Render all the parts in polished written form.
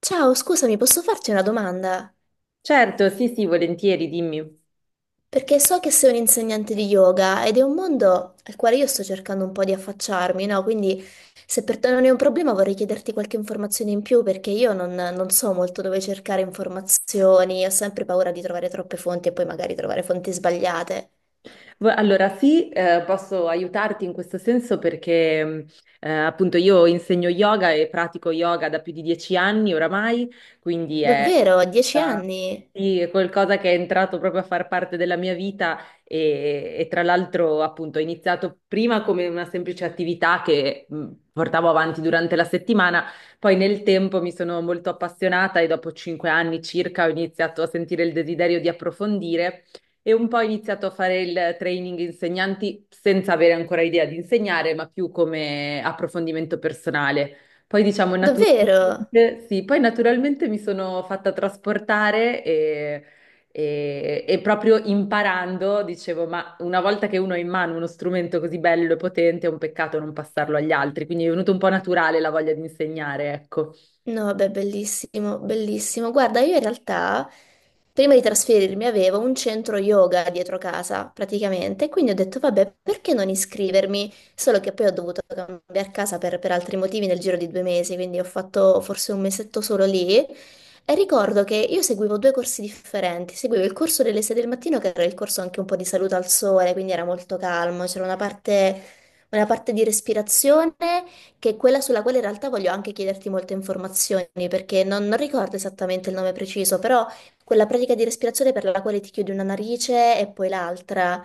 Ciao, scusami, posso farti una domanda? Certo, sì, sì, volentieri, dimmi. Perché so che sei un insegnante di yoga ed è un mondo al quale io sto cercando un po' di affacciarmi, no? Quindi se per te non è un problema vorrei chiederti qualche informazione in più perché io non so molto dove cercare informazioni, ho sempre paura di trovare troppe fonti e poi magari trovare fonti sbagliate. Allora, sì, posso aiutarti in questo senso perché appunto io insegno yoga e pratico yoga da più di 10 anni oramai, quindi è, Davvero? Dieci anni? sì, è qualcosa che è entrato proprio a far parte della mia vita e tra l'altro appunto ho iniziato prima come una semplice attività che portavo avanti durante la settimana, poi nel tempo mi sono molto appassionata e dopo 5 anni circa ho iniziato a sentire il desiderio di approfondire e un po' ho iniziato a fare il training insegnanti senza avere ancora idea di insegnare, ma più come approfondimento personale. Poi diciamo Davvero? naturalmente, sì, poi naturalmente mi sono fatta trasportare e proprio imparando dicevo, ma una volta che uno ha in mano uno strumento così bello e potente, è un peccato non passarlo agli altri, quindi è venuto un po' naturale la voglia di insegnare, ecco. No, beh, bellissimo, bellissimo. Guarda, io in realtà prima di trasferirmi avevo un centro yoga dietro casa, praticamente, quindi ho detto, vabbè, perché non iscrivermi? Solo che poi ho dovuto cambiare casa per altri motivi nel giro di due mesi, quindi ho fatto forse un mesetto solo lì. E ricordo che io seguivo due corsi differenti, seguivo il corso delle 6 del mattino, che era il corso anche un po' di salute al sole, quindi era molto calmo, c'era una parte di respirazione che è quella sulla quale in realtà voglio anche chiederti molte informazioni, perché non ricordo esattamente il nome preciso, però quella pratica di respirazione per la quale ti chiudi una narice e poi l'altra.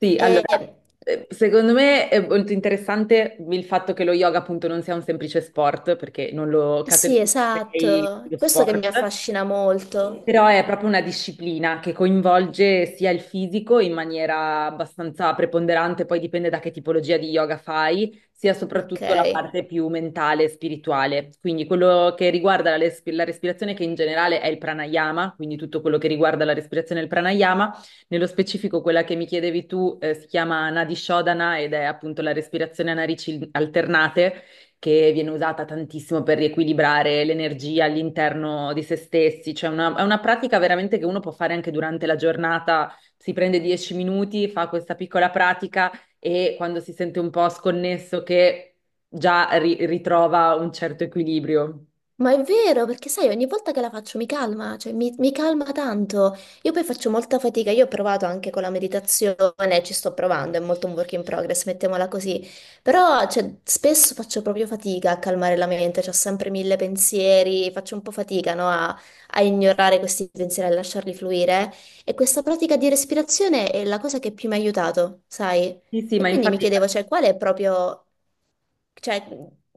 Sì, allora, E- secondo me è molto interessante il fatto che lo yoga appunto non sia un semplice sport, perché non lo Sì, categorizzerei esatto, lo questo che sport, mi affascina molto. però è proprio una disciplina che coinvolge sia il fisico in maniera abbastanza preponderante, poi dipende da che tipologia di yoga fai, sia Ok. soprattutto la parte più mentale e spirituale. Quindi quello che riguarda la respirazione, che in generale è il pranayama, quindi tutto quello che riguarda la respirazione e il pranayama, nello specifico quella che mi chiedevi tu, si chiama Nadi Shodhana ed è appunto la respirazione a narici alternate che viene usata tantissimo per riequilibrare l'energia all'interno di se stessi, cioè è una pratica veramente che uno può fare anche durante la giornata, si prende 10 minuti, fa questa piccola pratica e quando si sente un po' sconnesso che già ritrova un certo equilibrio. Ma è vero, perché sai, ogni volta che la faccio mi calma, cioè mi calma tanto. Io poi faccio molta fatica, io ho provato anche con la meditazione, ci sto provando, è molto un work in progress, mettiamola così. Però, cioè, spesso faccio proprio fatica a calmare la mente, ho sempre mille pensieri, faccio un po' fatica, no, a ignorare questi pensieri, a lasciarli fluire. E questa pratica di respirazione è la cosa che più mi ha aiutato, sai? Sì, sì, E ma quindi mi infatti. chiedevo, cioè, qual è proprio, cioè,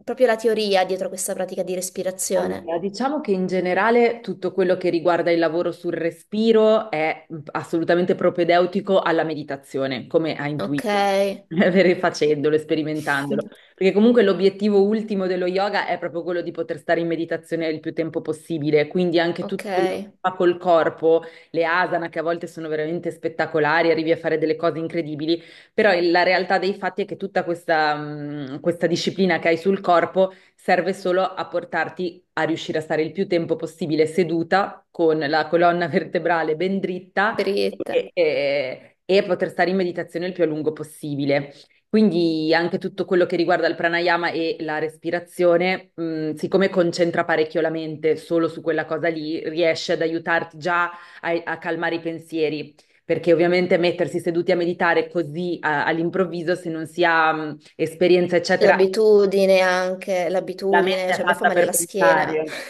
proprio la teoria dietro questa pratica di respirazione? Allora, diciamo che in generale tutto quello che riguarda il lavoro sul respiro è assolutamente propedeutico alla meditazione, come ha Ok, intuito, facendolo, sperimentandolo, perché comunque l'obiettivo ultimo dello yoga è proprio quello di poter stare in meditazione il più tempo possibile, quindi anche tutto ok, quello che si fa col corpo, le asana che a volte sono veramente spettacolari, arrivi a fare delle cose incredibili, però la realtà dei fatti è che tutta questa disciplina che hai sul corpo serve solo a portarti lì a riuscire a stare il più tempo possibile seduta con la colonna vertebrale ben dritta dritta. e poter stare in meditazione il più a lungo possibile. Quindi anche tutto quello che riguarda il pranayama e la respirazione, siccome concentra parecchio la mente solo su quella cosa lì, riesce ad aiutarti già a calmare i pensieri perché ovviamente mettersi seduti a meditare così all'improvviso, se non si ha esperienza, eccetera, L'abitudine anche, la mente l'abitudine, è cioè a me fa fatta male per la schiena. pensare.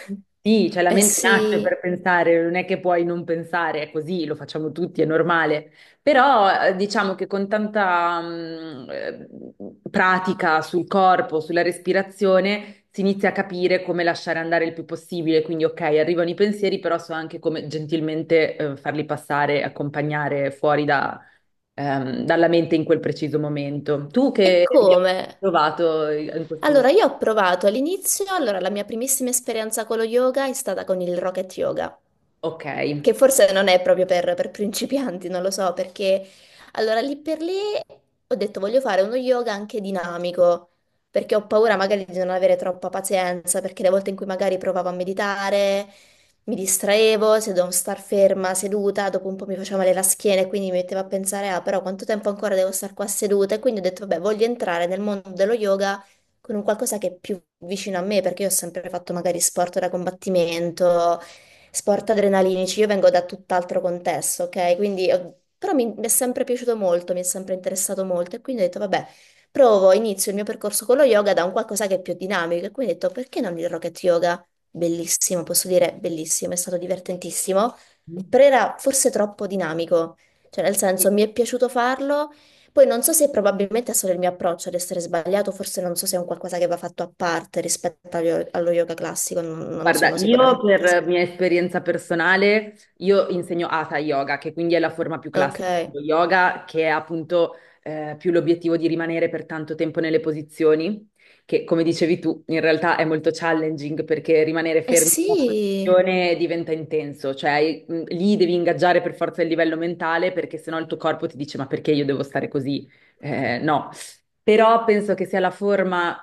Sì, cioè la Eh mente nasce per sì, pensare, non è che puoi non pensare, è così, lo facciamo tutti, è normale. Però diciamo che con tanta pratica sul corpo, sulla respirazione, si inizia a capire come lasciare andare il più possibile. Quindi, ok, arrivano i pensieri, però so anche come gentilmente farli passare, accompagnare fuori da, dalla mente in quel preciso momento. Tu e che hai come? trovato in questo momento? Allora, io ho provato all'inizio, allora la mia primissima esperienza con lo yoga è stata con il Rocket Yoga, Ok. che forse non è proprio per principianti, non lo so, perché allora lì per lì ho detto voglio fare uno yoga anche dinamico, perché ho paura magari di non avere troppa pazienza, perché le volte in cui magari provavo a meditare mi distraevo, se dovevo star ferma, seduta, dopo un po' mi faceva male la schiena e quindi mi mettevo a pensare, ah, però quanto tempo ancora devo star qua seduta? E quindi ho detto, vabbè, voglio entrare nel mondo dello yoga con un qualcosa che è più vicino a me, perché io ho sempre fatto magari sport da combattimento, sport adrenalinici. Io vengo da tutt'altro contesto, ok? Quindi, però mi è sempre piaciuto molto, mi è sempre interessato molto e quindi ho detto, vabbè, provo, inizio il mio percorso con lo yoga da un qualcosa che è più dinamico e quindi ho detto, perché non il rocket yoga? Bellissimo, posso dire bellissimo, è stato divertentissimo, Sì. però era forse troppo dinamico, cioè nel senso mi è piaciuto farlo. Poi non so se probabilmente è solo il mio approccio ad essere sbagliato, forse non so se è un qualcosa che va fatto a parte rispetto allo yoga classico, non Guarda, sono io sicuramente. per mia esperienza personale, io insegno Hatha Yoga, che quindi è la forma più Ok. classica Eh dello yoga, che è appunto più l'obiettivo di rimanere per tanto tempo nelle posizioni, che come dicevi tu, in realtà è molto challenging perché rimanere fermi in una sì. posizione diventa intenso, cioè lì devi ingaggiare per forza il livello mentale perché sennò il tuo corpo ti dice ma perché io devo stare così? No, però penso che sia la forma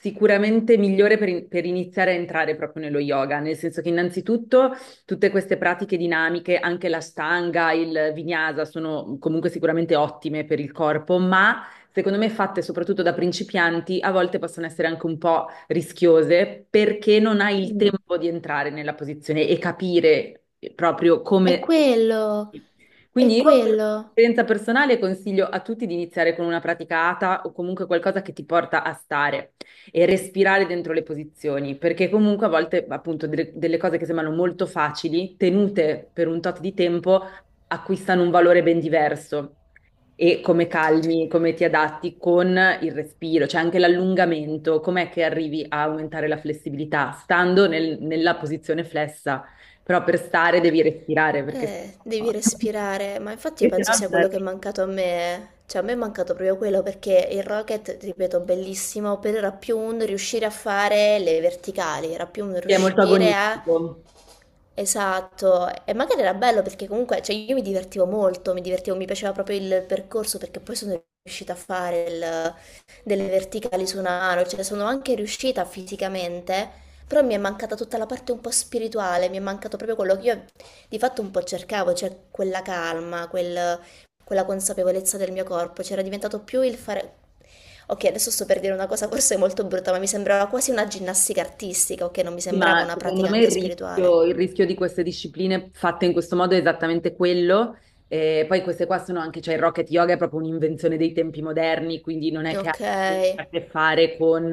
sicuramente migliore per, per iniziare a entrare proprio nello yoga, nel senso che innanzitutto tutte queste pratiche dinamiche, anche la stanga, il vinyasa, sono comunque sicuramente ottime per il corpo, ma secondo me fatte soprattutto da principianti a volte possono essere anche un po' rischiose perché non hai il Mm. tempo di entrare nella posizione e capire proprio è come... quello, è Quindi io, per quello. esperienza personale, consiglio a tutti di iniziare con una pratica ATA o comunque qualcosa che ti porta a stare e respirare dentro le posizioni, perché comunque a volte, appunto, delle cose che sembrano molto facili, tenute per un tot di tempo, acquistano un valore ben diverso. E come calmi, come ti adatti con il respiro, cioè anche l'allungamento, com'è che arrivi a aumentare la flessibilità? Stando nella posizione flessa. Però per stare devi respirare perché sennò, Devi respirare, ma infatti io perché penso sennò sia non quello che è arrivi. mancato a me. Cioè, a me è mancato proprio quello perché il rocket, ripeto, bellissimo, però era più un riuscire a fare le verticali, era più un È molto riuscire a. agonistico. Esatto, e magari era bello perché comunque, cioè io mi divertivo molto, mi piaceva proprio il percorso perché poi sono riuscita a fare il- delle verticali su una mano, cioè sono anche riuscita fisicamente, però mi è mancata tutta la parte un po' spirituale, mi è mancato proprio quello che io di fatto un po' cercavo, cioè quella calma, quella consapevolezza del mio corpo, c'era diventato più il fare. Ok, adesso sto per dire una cosa forse molto brutta, ma mi sembrava quasi una ginnastica artistica, ok, non mi Sì, sembrava ma una secondo pratica me anche spirituale. il rischio di queste discipline fatte in questo modo è esattamente quello. E poi queste qua sono anche, cioè il rocket yoga è proprio un'invenzione dei tempi moderni, quindi non è che ha Ok, a che fare con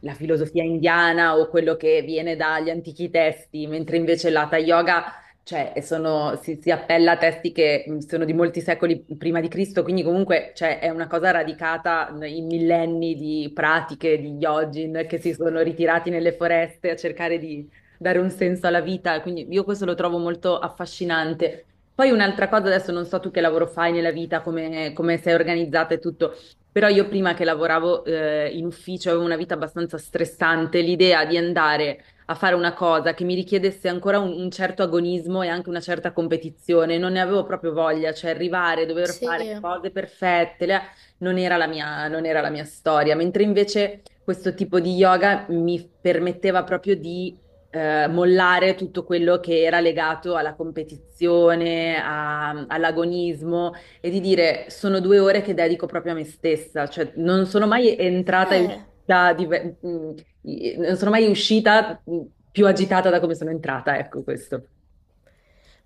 la filosofia indiana o quello che viene dagli antichi testi, mentre invece l'hatha yoga cioè, e si appella a testi che sono di molti secoli prima di Cristo, quindi comunque cioè, è una cosa radicata in millenni di pratiche di yogin che si sono ritirati nelle foreste a cercare di dare un senso alla vita, quindi io questo lo trovo molto affascinante. Poi un'altra cosa, adesso non so tu che lavoro fai nella vita, come sei organizzata e tutto, però io prima che lavoravo in ufficio avevo una vita abbastanza stressante, l'idea di andare a fare una cosa che mi richiedesse ancora un certo agonismo e anche una certa competizione. Non ne avevo proprio voglia, cioè arrivare, dover fare le sì. cose perfette, le- non era la mia, non era la mia storia. Mentre invece questo tipo di yoga mi permetteva proprio di mollare tutto quello che era legato alla competizione, all'agonismo e di dire sono 2 ore che dedico proprio a me stessa, cioè non sono mai entrata e Eh, uscita non sono mai uscita più agitata da come sono entrata, ecco questo.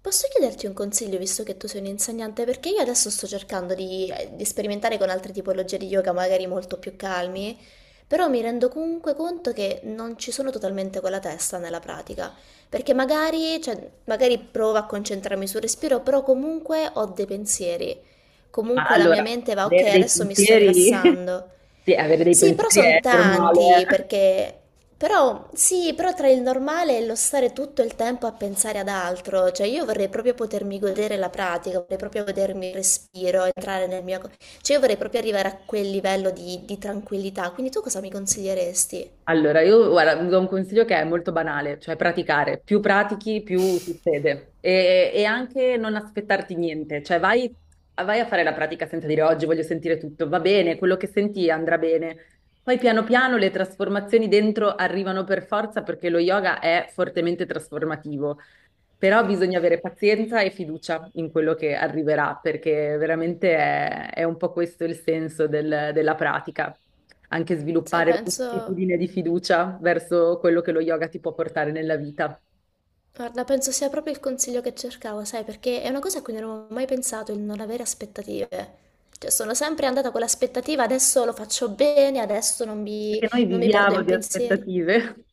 posso chiederti un consiglio visto che tu sei un insegnante? Perché io adesso sto cercando di sperimentare con altre tipologie di yoga, magari molto più calmi, però mi rendo comunque conto che non ci sono totalmente con la testa nella pratica, perché magari, cioè, magari provo a concentrarmi sul respiro, però comunque ho dei pensieri. Ma Comunque la mia allora, mente va, ok, avere dei adesso mi sto pensieri, rilassando. sì, avere dei Sì, però sono pensieri è normale, tanti eh. perché. Però sì, però tra il normale e lo stare tutto il tempo a pensare ad altro, cioè io vorrei proprio potermi godere la pratica, vorrei proprio godermi il respiro, entrare nel mio. Cioè io vorrei proprio arrivare a quel livello di tranquillità, quindi tu cosa mi consiglieresti? Allora, io guarda, vi do un consiglio che è molto banale, cioè praticare. Più pratichi, più succede. E anche non aspettarti niente, cioè vai a fare la pratica senza dire oggi voglio sentire tutto, va bene, quello che senti andrà bene. Poi piano piano le trasformazioni dentro arrivano per forza perché lo yoga è fortemente trasformativo. Però bisogna avere pazienza e fiducia in quello che arriverà, perché veramente è un po' questo il senso della pratica, anche Sai, sviluppare penso. un'attitudine di fiducia verso quello che lo yoga ti può portare nella vita. Guarda, penso sia proprio il consiglio che cercavo, sai, perché è una cosa a cui non avevo mai pensato, il non avere aspettative. Cioè, sono sempre andata con l'aspettativa, adesso lo faccio bene, adesso non mi, Perché noi non mi perdo viviamo in di pensieri. aspettative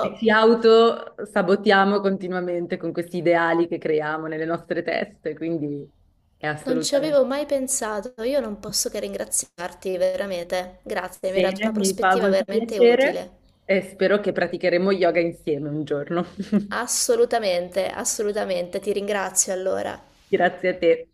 e ci autosabotiamo continuamente con questi ideali che creiamo nelle nostre teste, quindi è Non ci assolutamente avevo mai pensato, io non posso che ringraziarti veramente. Grazie, mi hai dato bene, una mi fa prospettiva molto veramente piacere utile. e spero che praticheremo yoga insieme un giorno. Assolutamente, assolutamente, ti ringrazio allora. Grazie a te.